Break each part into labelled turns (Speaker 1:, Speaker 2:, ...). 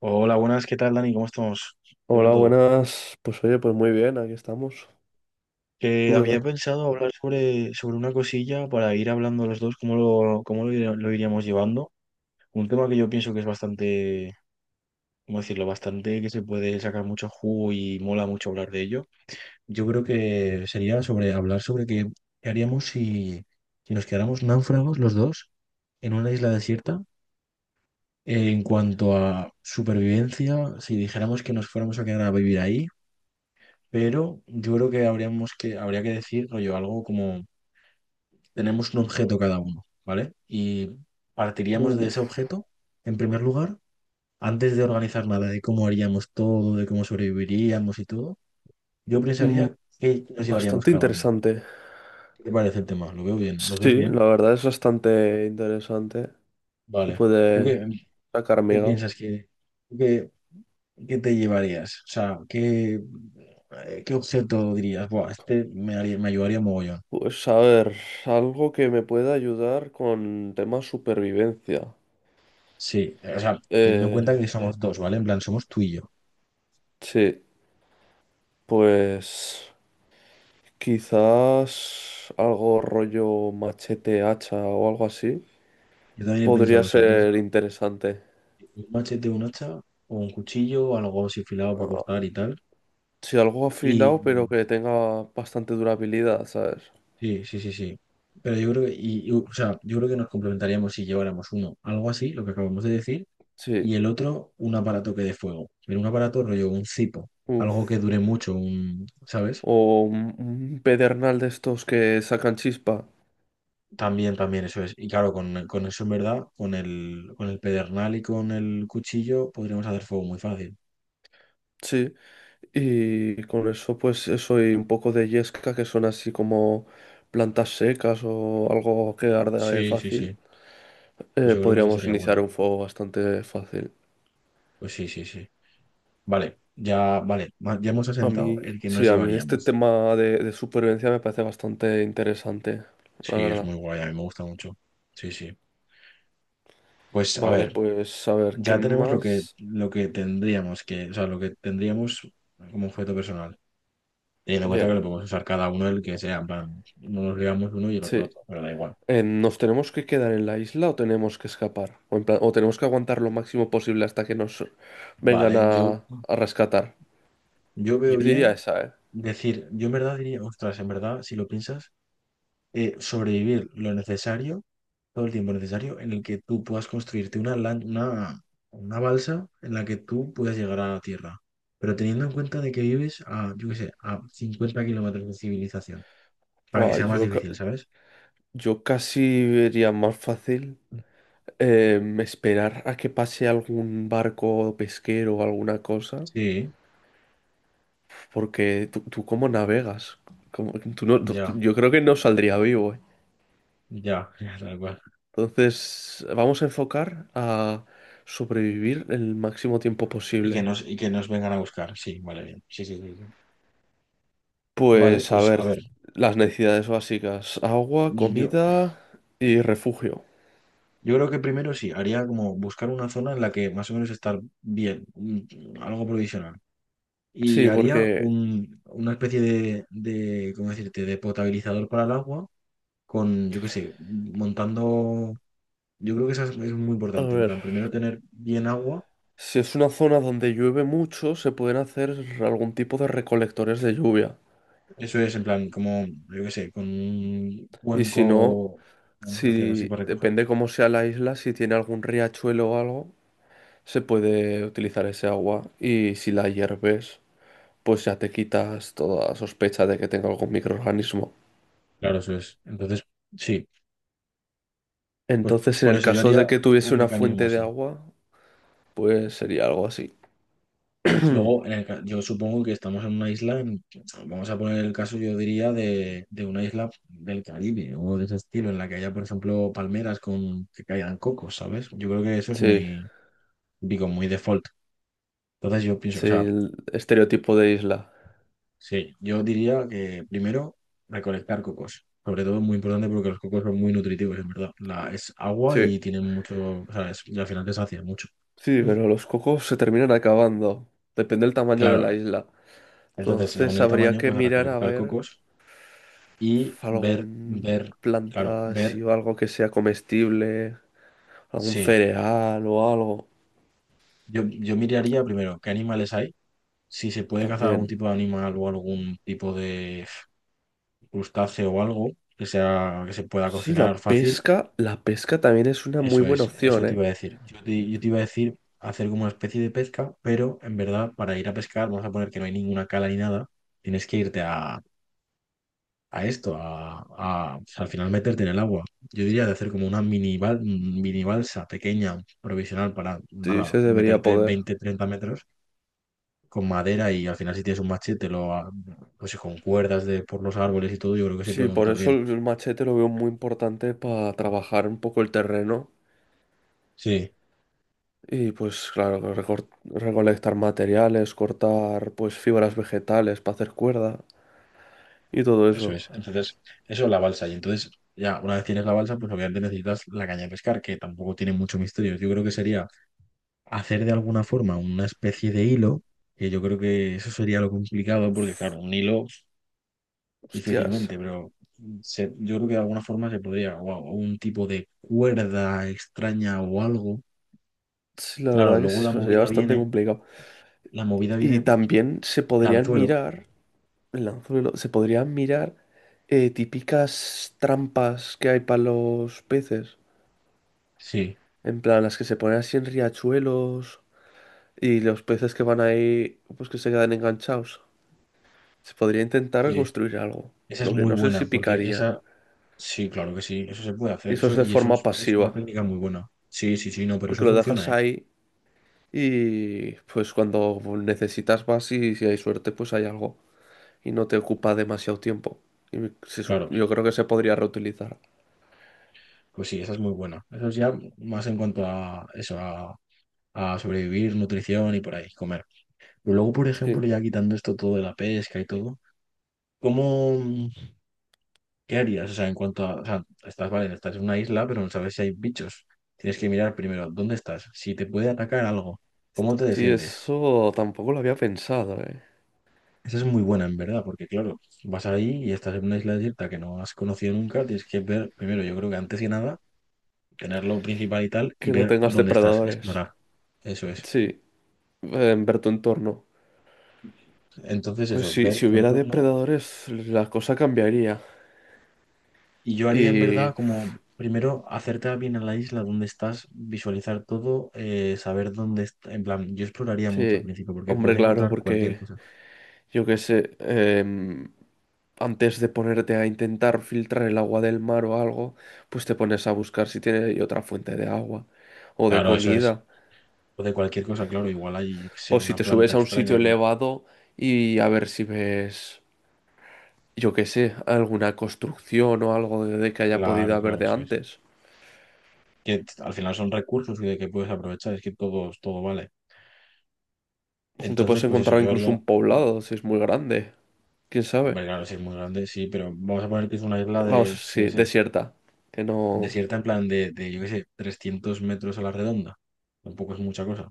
Speaker 1: Hola, buenas, ¿qué tal, Dani? ¿Cómo estamos? ¿Qué tal
Speaker 2: Hola,
Speaker 1: todo?
Speaker 2: buenas. Pues oye, pues muy bien, aquí estamos.
Speaker 1: Que
Speaker 2: ¿Tú qué tal?
Speaker 1: había pensado hablar sobre una cosilla para ir hablando los dos, lo iríamos llevando. Un tema que yo pienso que es bastante, ¿cómo decirlo? Bastante que se puede sacar mucho jugo y mola mucho hablar de ello. Yo creo que sería sobre hablar sobre qué haríamos si nos quedáramos náufragos los dos en una isla desierta. En cuanto a supervivencia, si dijéramos que nos fuéramos a quedar a vivir ahí, pero yo creo que habría que decir, rollo, algo como tenemos un objeto cada uno, ¿vale? Y partiríamos de ese
Speaker 2: Uf.
Speaker 1: objeto, en primer lugar, antes de organizar nada, de cómo haríamos todo, de cómo sobreviviríamos y todo, yo
Speaker 2: Mm,
Speaker 1: pensaría qué nos llevaríamos
Speaker 2: bastante
Speaker 1: cada uno.
Speaker 2: interesante.
Speaker 1: ¿Qué te parece el tema? ¿Lo veo bien? ¿Lo ves
Speaker 2: Sí,
Speaker 1: bien?
Speaker 2: la verdad es bastante interesante. Se
Speaker 1: Vale. ¿Tú
Speaker 2: puede
Speaker 1: qué,
Speaker 2: sacar
Speaker 1: qué
Speaker 2: miga.
Speaker 1: piensas que, tú qué, Qué te llevarías? O sea, ¿ qué objeto dirías? Buah, me ayudaría mogollón.
Speaker 2: Pues a ver, algo que me pueda ayudar con temas supervivencia.
Speaker 1: Sí, o sea, teniendo en cuenta
Speaker 2: Eh,
Speaker 1: que somos dos, ¿vale? En plan, somos tú y yo.
Speaker 2: sí, pues quizás algo rollo machete, hacha o algo así.
Speaker 1: Yo también he
Speaker 2: Podría
Speaker 1: pensado eso, he
Speaker 2: ser
Speaker 1: pensado
Speaker 2: interesante.
Speaker 1: un machete, un hacha o un cuchillo o algo así afilado para cortar y tal.
Speaker 2: Sí, algo
Speaker 1: Y
Speaker 2: afilado, pero que tenga bastante durabilidad, ¿sabes?
Speaker 1: sí, sí, sí, sí. Pero yo creo que, y, o sea, yo creo que nos complementaríamos si lleváramos uno, algo así, lo que acabamos de decir,
Speaker 2: Sí,
Speaker 1: y el otro, un aparato que dé fuego. Pero un aparato rollo, un cipo, algo que
Speaker 2: uff.
Speaker 1: dure mucho, un, ¿sabes?
Speaker 2: O un pedernal de estos que sacan chispa.
Speaker 1: También, también, eso es. Y claro, con eso en verdad, con el pedernal y con el cuchillo podríamos hacer fuego muy fácil.
Speaker 2: Sí. Y con eso, pues eso y un poco de yesca, que son así como plantas secas o algo que arde
Speaker 1: Sí, sí,
Speaker 2: fácil.
Speaker 1: sí. Pues yo creo que esa
Speaker 2: Podríamos
Speaker 1: sería buena.
Speaker 2: iniciar un fuego bastante fácil.
Speaker 1: Pues sí, sí, sí. Vale, ya, vale. Ya hemos
Speaker 2: A
Speaker 1: asentado el que nos
Speaker 2: mí este
Speaker 1: llevaríamos.
Speaker 2: tema de supervivencia me parece bastante interesante, la
Speaker 1: Sí, es
Speaker 2: verdad.
Speaker 1: muy guay, a mí me gusta mucho. Sí, sí. Pues a
Speaker 2: Vale,
Speaker 1: ver,
Speaker 2: pues a ver, ¿qué
Speaker 1: ya tenemos
Speaker 2: más?
Speaker 1: lo que tendríamos que, o sea, lo que tendríamos como objeto personal. Teniendo en cuenta que
Speaker 2: Bien,
Speaker 1: lo podemos usar cada uno el que sea, en plan, no nos ligamos uno y el otro
Speaker 2: sí.
Speaker 1: otro, pero da igual.
Speaker 2: ¿Nos tenemos que quedar en la isla o tenemos que escapar? O, o tenemos que aguantar lo máximo posible hasta que nos vengan
Speaker 1: Vale, yo,
Speaker 2: a rescatar.
Speaker 1: yo
Speaker 2: Yo
Speaker 1: veo
Speaker 2: diría
Speaker 1: bien
Speaker 2: esa, ¿eh?
Speaker 1: decir, yo en verdad diría, ostras, en verdad, si lo piensas, sobrevivir lo necesario, todo el tiempo necesario en el que tú puedas construirte una balsa en la que tú puedas llegar a la Tierra. Pero teniendo en cuenta de que vives a, yo qué sé, a 50 kilómetros de civilización, para que
Speaker 2: Buah,
Speaker 1: sea más difícil, ¿sabes?
Speaker 2: yo casi vería más fácil esperar a que pase algún barco pesquero o alguna cosa.
Speaker 1: Sí,
Speaker 2: Porque tú ¿cómo navegas? ¿Cómo- tú no- tú-
Speaker 1: ya,
Speaker 2: Yo creo que no saldría vivo, ¿eh?
Speaker 1: ya, ya, tal cual.
Speaker 2: Entonces, vamos a enfocar a sobrevivir el máximo tiempo
Speaker 1: Y que
Speaker 2: posible.
Speaker 1: nos, y que nos vengan a buscar, sí, vale, bien. Sí, sí, sí, sí. Vale,
Speaker 2: Pues a
Speaker 1: pues a
Speaker 2: ver,
Speaker 1: ver,
Speaker 2: las necesidades básicas: agua,
Speaker 1: yo,
Speaker 2: comida y refugio.
Speaker 1: yo creo que primero sí, haría como buscar una zona en la que más o menos estar bien, algo provisional. Y
Speaker 2: Sí,
Speaker 1: haría una especie de, ¿cómo decirte?, de potabilizador para el agua con, yo qué sé, montando, yo creo que eso es muy
Speaker 2: a
Speaker 1: importante, en
Speaker 2: ver,
Speaker 1: plan, primero tener bien agua,
Speaker 2: si es una zona donde llueve mucho, se pueden hacer algún tipo de recolectores de lluvia.
Speaker 1: eso es en plan, como, yo qué sé, con un
Speaker 2: Y si no,
Speaker 1: cuenco, vamos a hacer así
Speaker 2: si
Speaker 1: para recoger.
Speaker 2: depende cómo sea la isla, si tiene algún riachuelo o algo, se puede utilizar ese agua. Y si la hierves, pues ya te quitas toda sospecha de que tenga algún microorganismo.
Speaker 1: Claro, eso es. Entonces, sí, pues
Speaker 2: Entonces, en
Speaker 1: por
Speaker 2: el
Speaker 1: eso yo
Speaker 2: caso de
Speaker 1: haría
Speaker 2: que tuviese
Speaker 1: un
Speaker 2: una
Speaker 1: mecanismo
Speaker 2: fuente de
Speaker 1: así.
Speaker 2: agua, pues sería algo así.
Speaker 1: Luego, yo supongo que estamos en una isla, vamos a poner el caso, yo diría, de una isla del Caribe o de ese estilo, en la que haya, por ejemplo, palmeras con que caigan cocos, ¿sabes? Yo creo que eso es
Speaker 2: Sí,
Speaker 1: muy, digo, muy default. Entonces yo pienso, o
Speaker 2: sí,
Speaker 1: sea,
Speaker 2: el estereotipo de isla.
Speaker 1: sí, yo diría que primero recolectar cocos. Sobre todo es muy importante porque los cocos son muy nutritivos, en verdad. Es agua y
Speaker 2: Sí,
Speaker 1: tienen mucho, o sea, es- y al final te sacia mucho.
Speaker 2: sí,
Speaker 1: Mm.
Speaker 2: pero los cocos se terminan acabando. Depende del tamaño de la
Speaker 1: Claro,
Speaker 2: isla.
Speaker 1: entonces según
Speaker 2: Entonces
Speaker 1: el
Speaker 2: habría
Speaker 1: tamaño,
Speaker 2: que
Speaker 1: pues
Speaker 2: mirar a
Speaker 1: recolectar
Speaker 2: ver
Speaker 1: cocos. Y ver,
Speaker 2: algún
Speaker 1: ver, claro,
Speaker 2: planta, si
Speaker 1: ver,
Speaker 2: o algo que sea comestible, algún
Speaker 1: sí.
Speaker 2: cereal o algo
Speaker 1: Yo miraría primero qué animales hay, si se puede cazar algún
Speaker 2: también.
Speaker 1: tipo de animal o algún tipo de crustáceo o algo que se pueda
Speaker 2: Sí,
Speaker 1: cocinar
Speaker 2: la
Speaker 1: fácil.
Speaker 2: pesca también es una muy
Speaker 1: Eso
Speaker 2: buena
Speaker 1: es, eso
Speaker 2: opción,
Speaker 1: te
Speaker 2: ¿eh?
Speaker 1: iba a decir. Yo te iba a decir hacer como una especie de pesca, pero en verdad para ir a pescar vamos a poner que no hay ninguna cala ni nada. Tienes que irte a al final meterte en el agua. Yo diría de hacer como una mini balsa pequeña, provisional, para
Speaker 2: Sí,
Speaker 1: nada,
Speaker 2: se debería
Speaker 1: meterte
Speaker 2: poder.
Speaker 1: 20-30 metros con madera y al final si tienes un machete, pues con cuerdas de, por los árboles y todo, yo creo que se
Speaker 2: Sí,
Speaker 1: puede
Speaker 2: por
Speaker 1: montar
Speaker 2: eso
Speaker 1: bien.
Speaker 2: el machete lo veo muy importante para trabajar un poco el terreno.
Speaker 1: Sí,
Speaker 2: Y pues claro, recolectar materiales, cortar pues fibras vegetales para hacer cuerda y todo
Speaker 1: eso
Speaker 2: eso.
Speaker 1: es. Entonces, eso es la balsa. Y entonces, ya, una vez tienes la balsa, pues obviamente necesitas la caña de pescar, que tampoco tiene mucho misterio. Yo creo que sería hacer de alguna forma una especie de hilo, que yo creo que eso sería lo complicado, porque
Speaker 2: Uf,
Speaker 1: claro, un hilo
Speaker 2: hostias.
Speaker 1: difícilmente, pero yo creo que de alguna forma se podría, o a- o un tipo de cuerda extraña o algo.
Speaker 2: Sí, la
Speaker 1: Claro,
Speaker 2: verdad que
Speaker 1: luego la
Speaker 2: eso sería
Speaker 1: movida
Speaker 2: bastante
Speaker 1: viene,
Speaker 2: complicado.
Speaker 1: la movida
Speaker 2: Y
Speaker 1: viene,
Speaker 2: también
Speaker 1: el anzuelo.
Speaker 2: el anzuelo, se podrían mirar típicas trampas que hay para los peces.
Speaker 1: Sí,
Speaker 2: En plan, las que se ponen así en riachuelos y los peces que van ahí, pues que se quedan enganchados. Se podría intentar
Speaker 1: sí,
Speaker 2: construir algo,
Speaker 1: esa es
Speaker 2: lo que
Speaker 1: muy
Speaker 2: no sé si
Speaker 1: buena, porque
Speaker 2: picarían.
Speaker 1: esa, sí, claro que sí, eso se puede hacer,
Speaker 2: Eso es
Speaker 1: eso,
Speaker 2: de
Speaker 1: y eso
Speaker 2: forma
Speaker 1: es una
Speaker 2: pasiva,
Speaker 1: técnica muy buena. Sí, sí, sí, no, pero
Speaker 2: porque
Speaker 1: eso
Speaker 2: lo dejas
Speaker 1: funciona, ¿eh?
Speaker 2: ahí y pues cuando necesitas vas y si hay suerte pues hay algo y no te ocupa demasiado tiempo. Y
Speaker 1: Claro,
Speaker 2: yo creo que se podría reutilizar.
Speaker 1: pues sí, esa es muy buena. Eso es ya más en cuanto a eso, a sobrevivir, nutrición y por ahí, comer. Pero luego, por ejemplo,
Speaker 2: Sí,
Speaker 1: ya quitando esto todo de la pesca y todo, ¿cómo? ¿Qué harías? O sea, en cuanto a, o sea, estás, vale, estás en una isla, pero no sabes si hay bichos. Tienes que mirar primero dónde estás, si te puede atacar algo, cómo te
Speaker 2: sí,
Speaker 1: defiendes.
Speaker 2: eso tampoco lo había pensado, ¿eh?
Speaker 1: Esa es muy buena, en verdad, porque claro, vas ahí y estás en una isla desierta que no has conocido nunca, tienes que ver primero, yo creo que antes que nada, tener lo principal y tal, y
Speaker 2: Que no
Speaker 1: ver
Speaker 2: tengas
Speaker 1: dónde estás,
Speaker 2: depredadores.
Speaker 1: explorar. Eso es.
Speaker 2: Sí, en ver tu entorno.
Speaker 1: Entonces,
Speaker 2: Pues
Speaker 1: eso,
Speaker 2: sí,
Speaker 1: ver
Speaker 2: si
Speaker 1: tu
Speaker 2: hubiera
Speaker 1: entorno.
Speaker 2: depredadores, la cosa cambiaría.
Speaker 1: Y yo haría en verdad
Speaker 2: Y
Speaker 1: como primero acercar bien a la isla donde estás, visualizar todo, saber dónde está. En plan, yo exploraría mucho al
Speaker 2: sí,
Speaker 1: principio porque
Speaker 2: hombre,
Speaker 1: puedes
Speaker 2: claro,
Speaker 1: encontrar cualquier
Speaker 2: porque
Speaker 1: cosa.
Speaker 2: yo qué sé, antes de ponerte a intentar filtrar el agua del mar o algo, pues te pones a buscar si tiene ahí otra fuente de agua o de
Speaker 1: Claro, eso es.
Speaker 2: comida.
Speaker 1: O de cualquier cosa, claro, igual hay, yo qué
Speaker 2: O
Speaker 1: sé,
Speaker 2: si
Speaker 1: una
Speaker 2: te
Speaker 1: planta
Speaker 2: subes a un sitio
Speaker 1: extraña que.
Speaker 2: elevado y a ver si ves, yo qué sé, alguna construcción o algo de que haya podido
Speaker 1: Claro,
Speaker 2: haber
Speaker 1: claro,
Speaker 2: de
Speaker 1: eso es.
Speaker 2: antes.
Speaker 1: Al final son recursos y de que puedes aprovechar, es que todo, todo vale.
Speaker 2: Te
Speaker 1: Entonces,
Speaker 2: puedes
Speaker 1: pues eso,
Speaker 2: encontrar
Speaker 1: yo
Speaker 2: incluso
Speaker 1: haría.
Speaker 2: un poblado si es muy grande. ¿Quién sabe?
Speaker 1: Hombre, claro, si es muy grande, sí, pero vamos a poner que es una isla
Speaker 2: Vamos,
Speaker 1: de, yo qué
Speaker 2: sí,
Speaker 1: sé,
Speaker 2: desierta. Que no...
Speaker 1: desierta en plan de yo qué sé, 300 metros a la redonda. Tampoco es mucha cosa.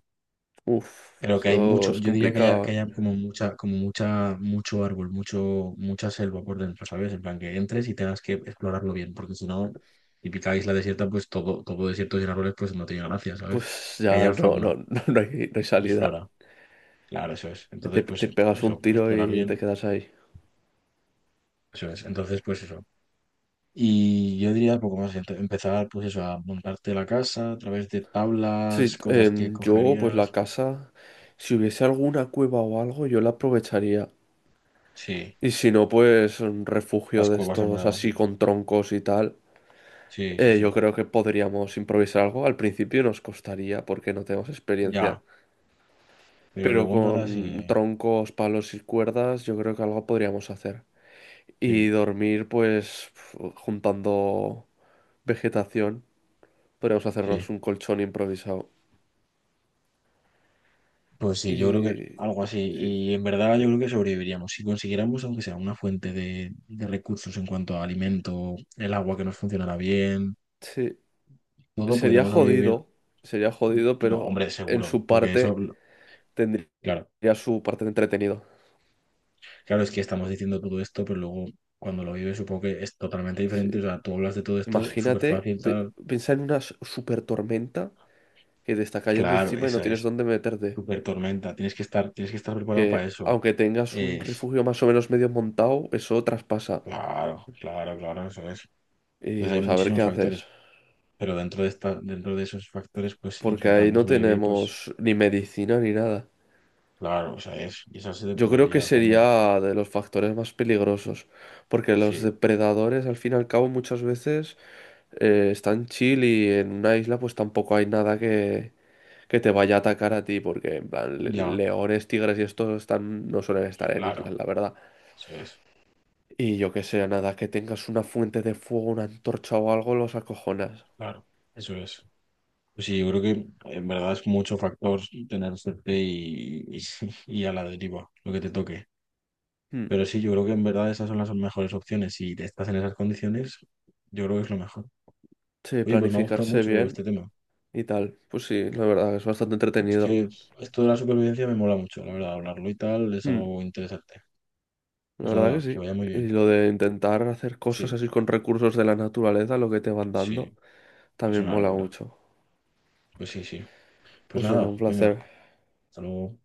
Speaker 2: Uf,
Speaker 1: Pero que hay
Speaker 2: eso
Speaker 1: mucho,
Speaker 2: es
Speaker 1: yo diría
Speaker 2: complicado,
Speaker 1: que
Speaker 2: ¿eh?
Speaker 1: haya como mucha, mucho árbol, mucho, mucha selva por dentro, ¿sabes? En plan que entres y tengas que explorarlo bien, porque si no, típica isla desierta, pues todo, todo desierto sin árboles, pues no tiene gracia, ¿sabes?
Speaker 2: Pues
Speaker 1: Que
Speaker 2: ya
Speaker 1: haya
Speaker 2: no, no,
Speaker 1: fauna
Speaker 2: no, hay, no hay
Speaker 1: y
Speaker 2: salida.
Speaker 1: flora, claro, eso es. Entonces,
Speaker 2: Te,
Speaker 1: pues
Speaker 2: te pegas un
Speaker 1: eso,
Speaker 2: tiro
Speaker 1: explorar
Speaker 2: y te
Speaker 1: bien,
Speaker 2: quedas ahí.
Speaker 1: eso es. Entonces, pues eso. Y yo diría poco más, empezar, pues eso, a montarte la casa a través de tablas,
Speaker 2: Sí,
Speaker 1: cosas que
Speaker 2: yo pues la
Speaker 1: cogerías.
Speaker 2: casa, si hubiese alguna cueva o algo, yo la aprovecharía.
Speaker 1: Sí,
Speaker 2: Y si no, pues un
Speaker 1: las
Speaker 2: refugio de
Speaker 1: cuevas en
Speaker 2: estos
Speaker 1: verdad,
Speaker 2: así
Speaker 1: sí.
Speaker 2: con troncos y tal.
Speaker 1: Sí, sí,
Speaker 2: Yo
Speaker 1: sí.
Speaker 2: creo que podríamos improvisar algo. Al principio nos costaría porque no tenemos experiencia.
Speaker 1: Ya. Pero
Speaker 2: Pero
Speaker 1: luego en verdad sí,
Speaker 2: con troncos, palos y cuerdas, yo creo que algo podríamos hacer. Y
Speaker 1: sí,
Speaker 2: dormir, pues juntando vegetación, podríamos
Speaker 1: sí.
Speaker 2: hacernos un colchón improvisado.
Speaker 1: Pues sí, yo creo que
Speaker 2: Y
Speaker 1: algo así.
Speaker 2: sí,
Speaker 1: Y en verdad yo creo que sobreviviríamos. Si consiguiéramos, aunque sea una fuente de recursos en cuanto a alimento, el agua que nos funcionara bien,
Speaker 2: sí,
Speaker 1: todo
Speaker 2: sería
Speaker 1: podríamos sobrevivir.
Speaker 2: jodido, sería jodido,
Speaker 1: No,
Speaker 2: pero
Speaker 1: hombre,
Speaker 2: en
Speaker 1: seguro.
Speaker 2: su
Speaker 1: Porque eso,
Speaker 2: parte tendría
Speaker 1: claro,
Speaker 2: su parte de entretenido.
Speaker 1: claro, es que estamos diciendo todo esto, pero luego cuando lo vives supongo que es totalmente
Speaker 2: Sí.
Speaker 1: diferente. O sea, tú hablas de todo esto súper
Speaker 2: Imagínate,
Speaker 1: fácil, tal.
Speaker 2: piensa en una super tormenta que te está cayendo
Speaker 1: Claro,
Speaker 2: encima y no
Speaker 1: esa
Speaker 2: tienes
Speaker 1: es.
Speaker 2: dónde meterte.
Speaker 1: Súper tormenta. Tienes que estar
Speaker 2: Que
Speaker 1: preparado para eso.
Speaker 2: aunque tengas un
Speaker 1: Es.
Speaker 2: refugio más o menos medio montado, eso traspasa.
Speaker 1: Claro, claro, claro, eso es.
Speaker 2: Y
Speaker 1: Entonces hay
Speaker 2: pues a ver qué
Speaker 1: muchísimos
Speaker 2: haces.
Speaker 1: factores, pero dentro de esos factores, pues
Speaker 2: Porque ahí
Speaker 1: intentando
Speaker 2: no
Speaker 1: sobrevivir, pues
Speaker 2: tenemos ni medicina ni nada.
Speaker 1: claro, o sea, y esa se te
Speaker 2: Yo
Speaker 1: puede
Speaker 2: creo que
Speaker 1: liar también.
Speaker 2: sería de los factores más peligrosos, porque los
Speaker 1: Sí,
Speaker 2: depredadores al fin y al cabo muchas veces están chill y en una isla pues tampoco hay nada que te vaya a atacar a ti, porque en plan
Speaker 1: ya,
Speaker 2: leones, tigres y estos están, no suelen estar en islas,
Speaker 1: claro,
Speaker 2: la verdad.
Speaker 1: eso es,
Speaker 2: Y yo que sé, nada, que tengas una fuente de fuego, una antorcha o algo, los acojonas.
Speaker 1: claro, eso es. Pues sí, yo creo que en verdad es mucho factor tener suerte y, y a la deriva, lo que te toque.
Speaker 2: Hmm.
Speaker 1: Pero sí, yo creo que en verdad esas son las mejores opciones. Si te estás en esas condiciones, yo creo que es lo mejor.
Speaker 2: Sí,
Speaker 1: Oye, pues me ha gustado
Speaker 2: planificarse
Speaker 1: mucho este
Speaker 2: bien
Speaker 1: tema.
Speaker 2: y tal. Pues sí, la verdad es bastante
Speaker 1: Es
Speaker 2: entretenido.
Speaker 1: que esto de la supervivencia me mola mucho, la verdad, hablarlo y tal es
Speaker 2: Hmm.
Speaker 1: algo interesante.
Speaker 2: La
Speaker 1: Pues
Speaker 2: verdad que
Speaker 1: nada, que
Speaker 2: sí.
Speaker 1: vaya muy
Speaker 2: Y
Speaker 1: bien.
Speaker 2: lo de intentar hacer cosas
Speaker 1: Sí,
Speaker 2: así con recursos de la naturaleza, lo que te van dando,
Speaker 1: sí, es
Speaker 2: también
Speaker 1: una
Speaker 2: mola
Speaker 1: locura.
Speaker 2: mucho.
Speaker 1: Pues sí, sí. Pues
Speaker 2: Pues venga,
Speaker 1: nada,
Speaker 2: un
Speaker 1: venga,
Speaker 2: placer.
Speaker 1: hasta luego.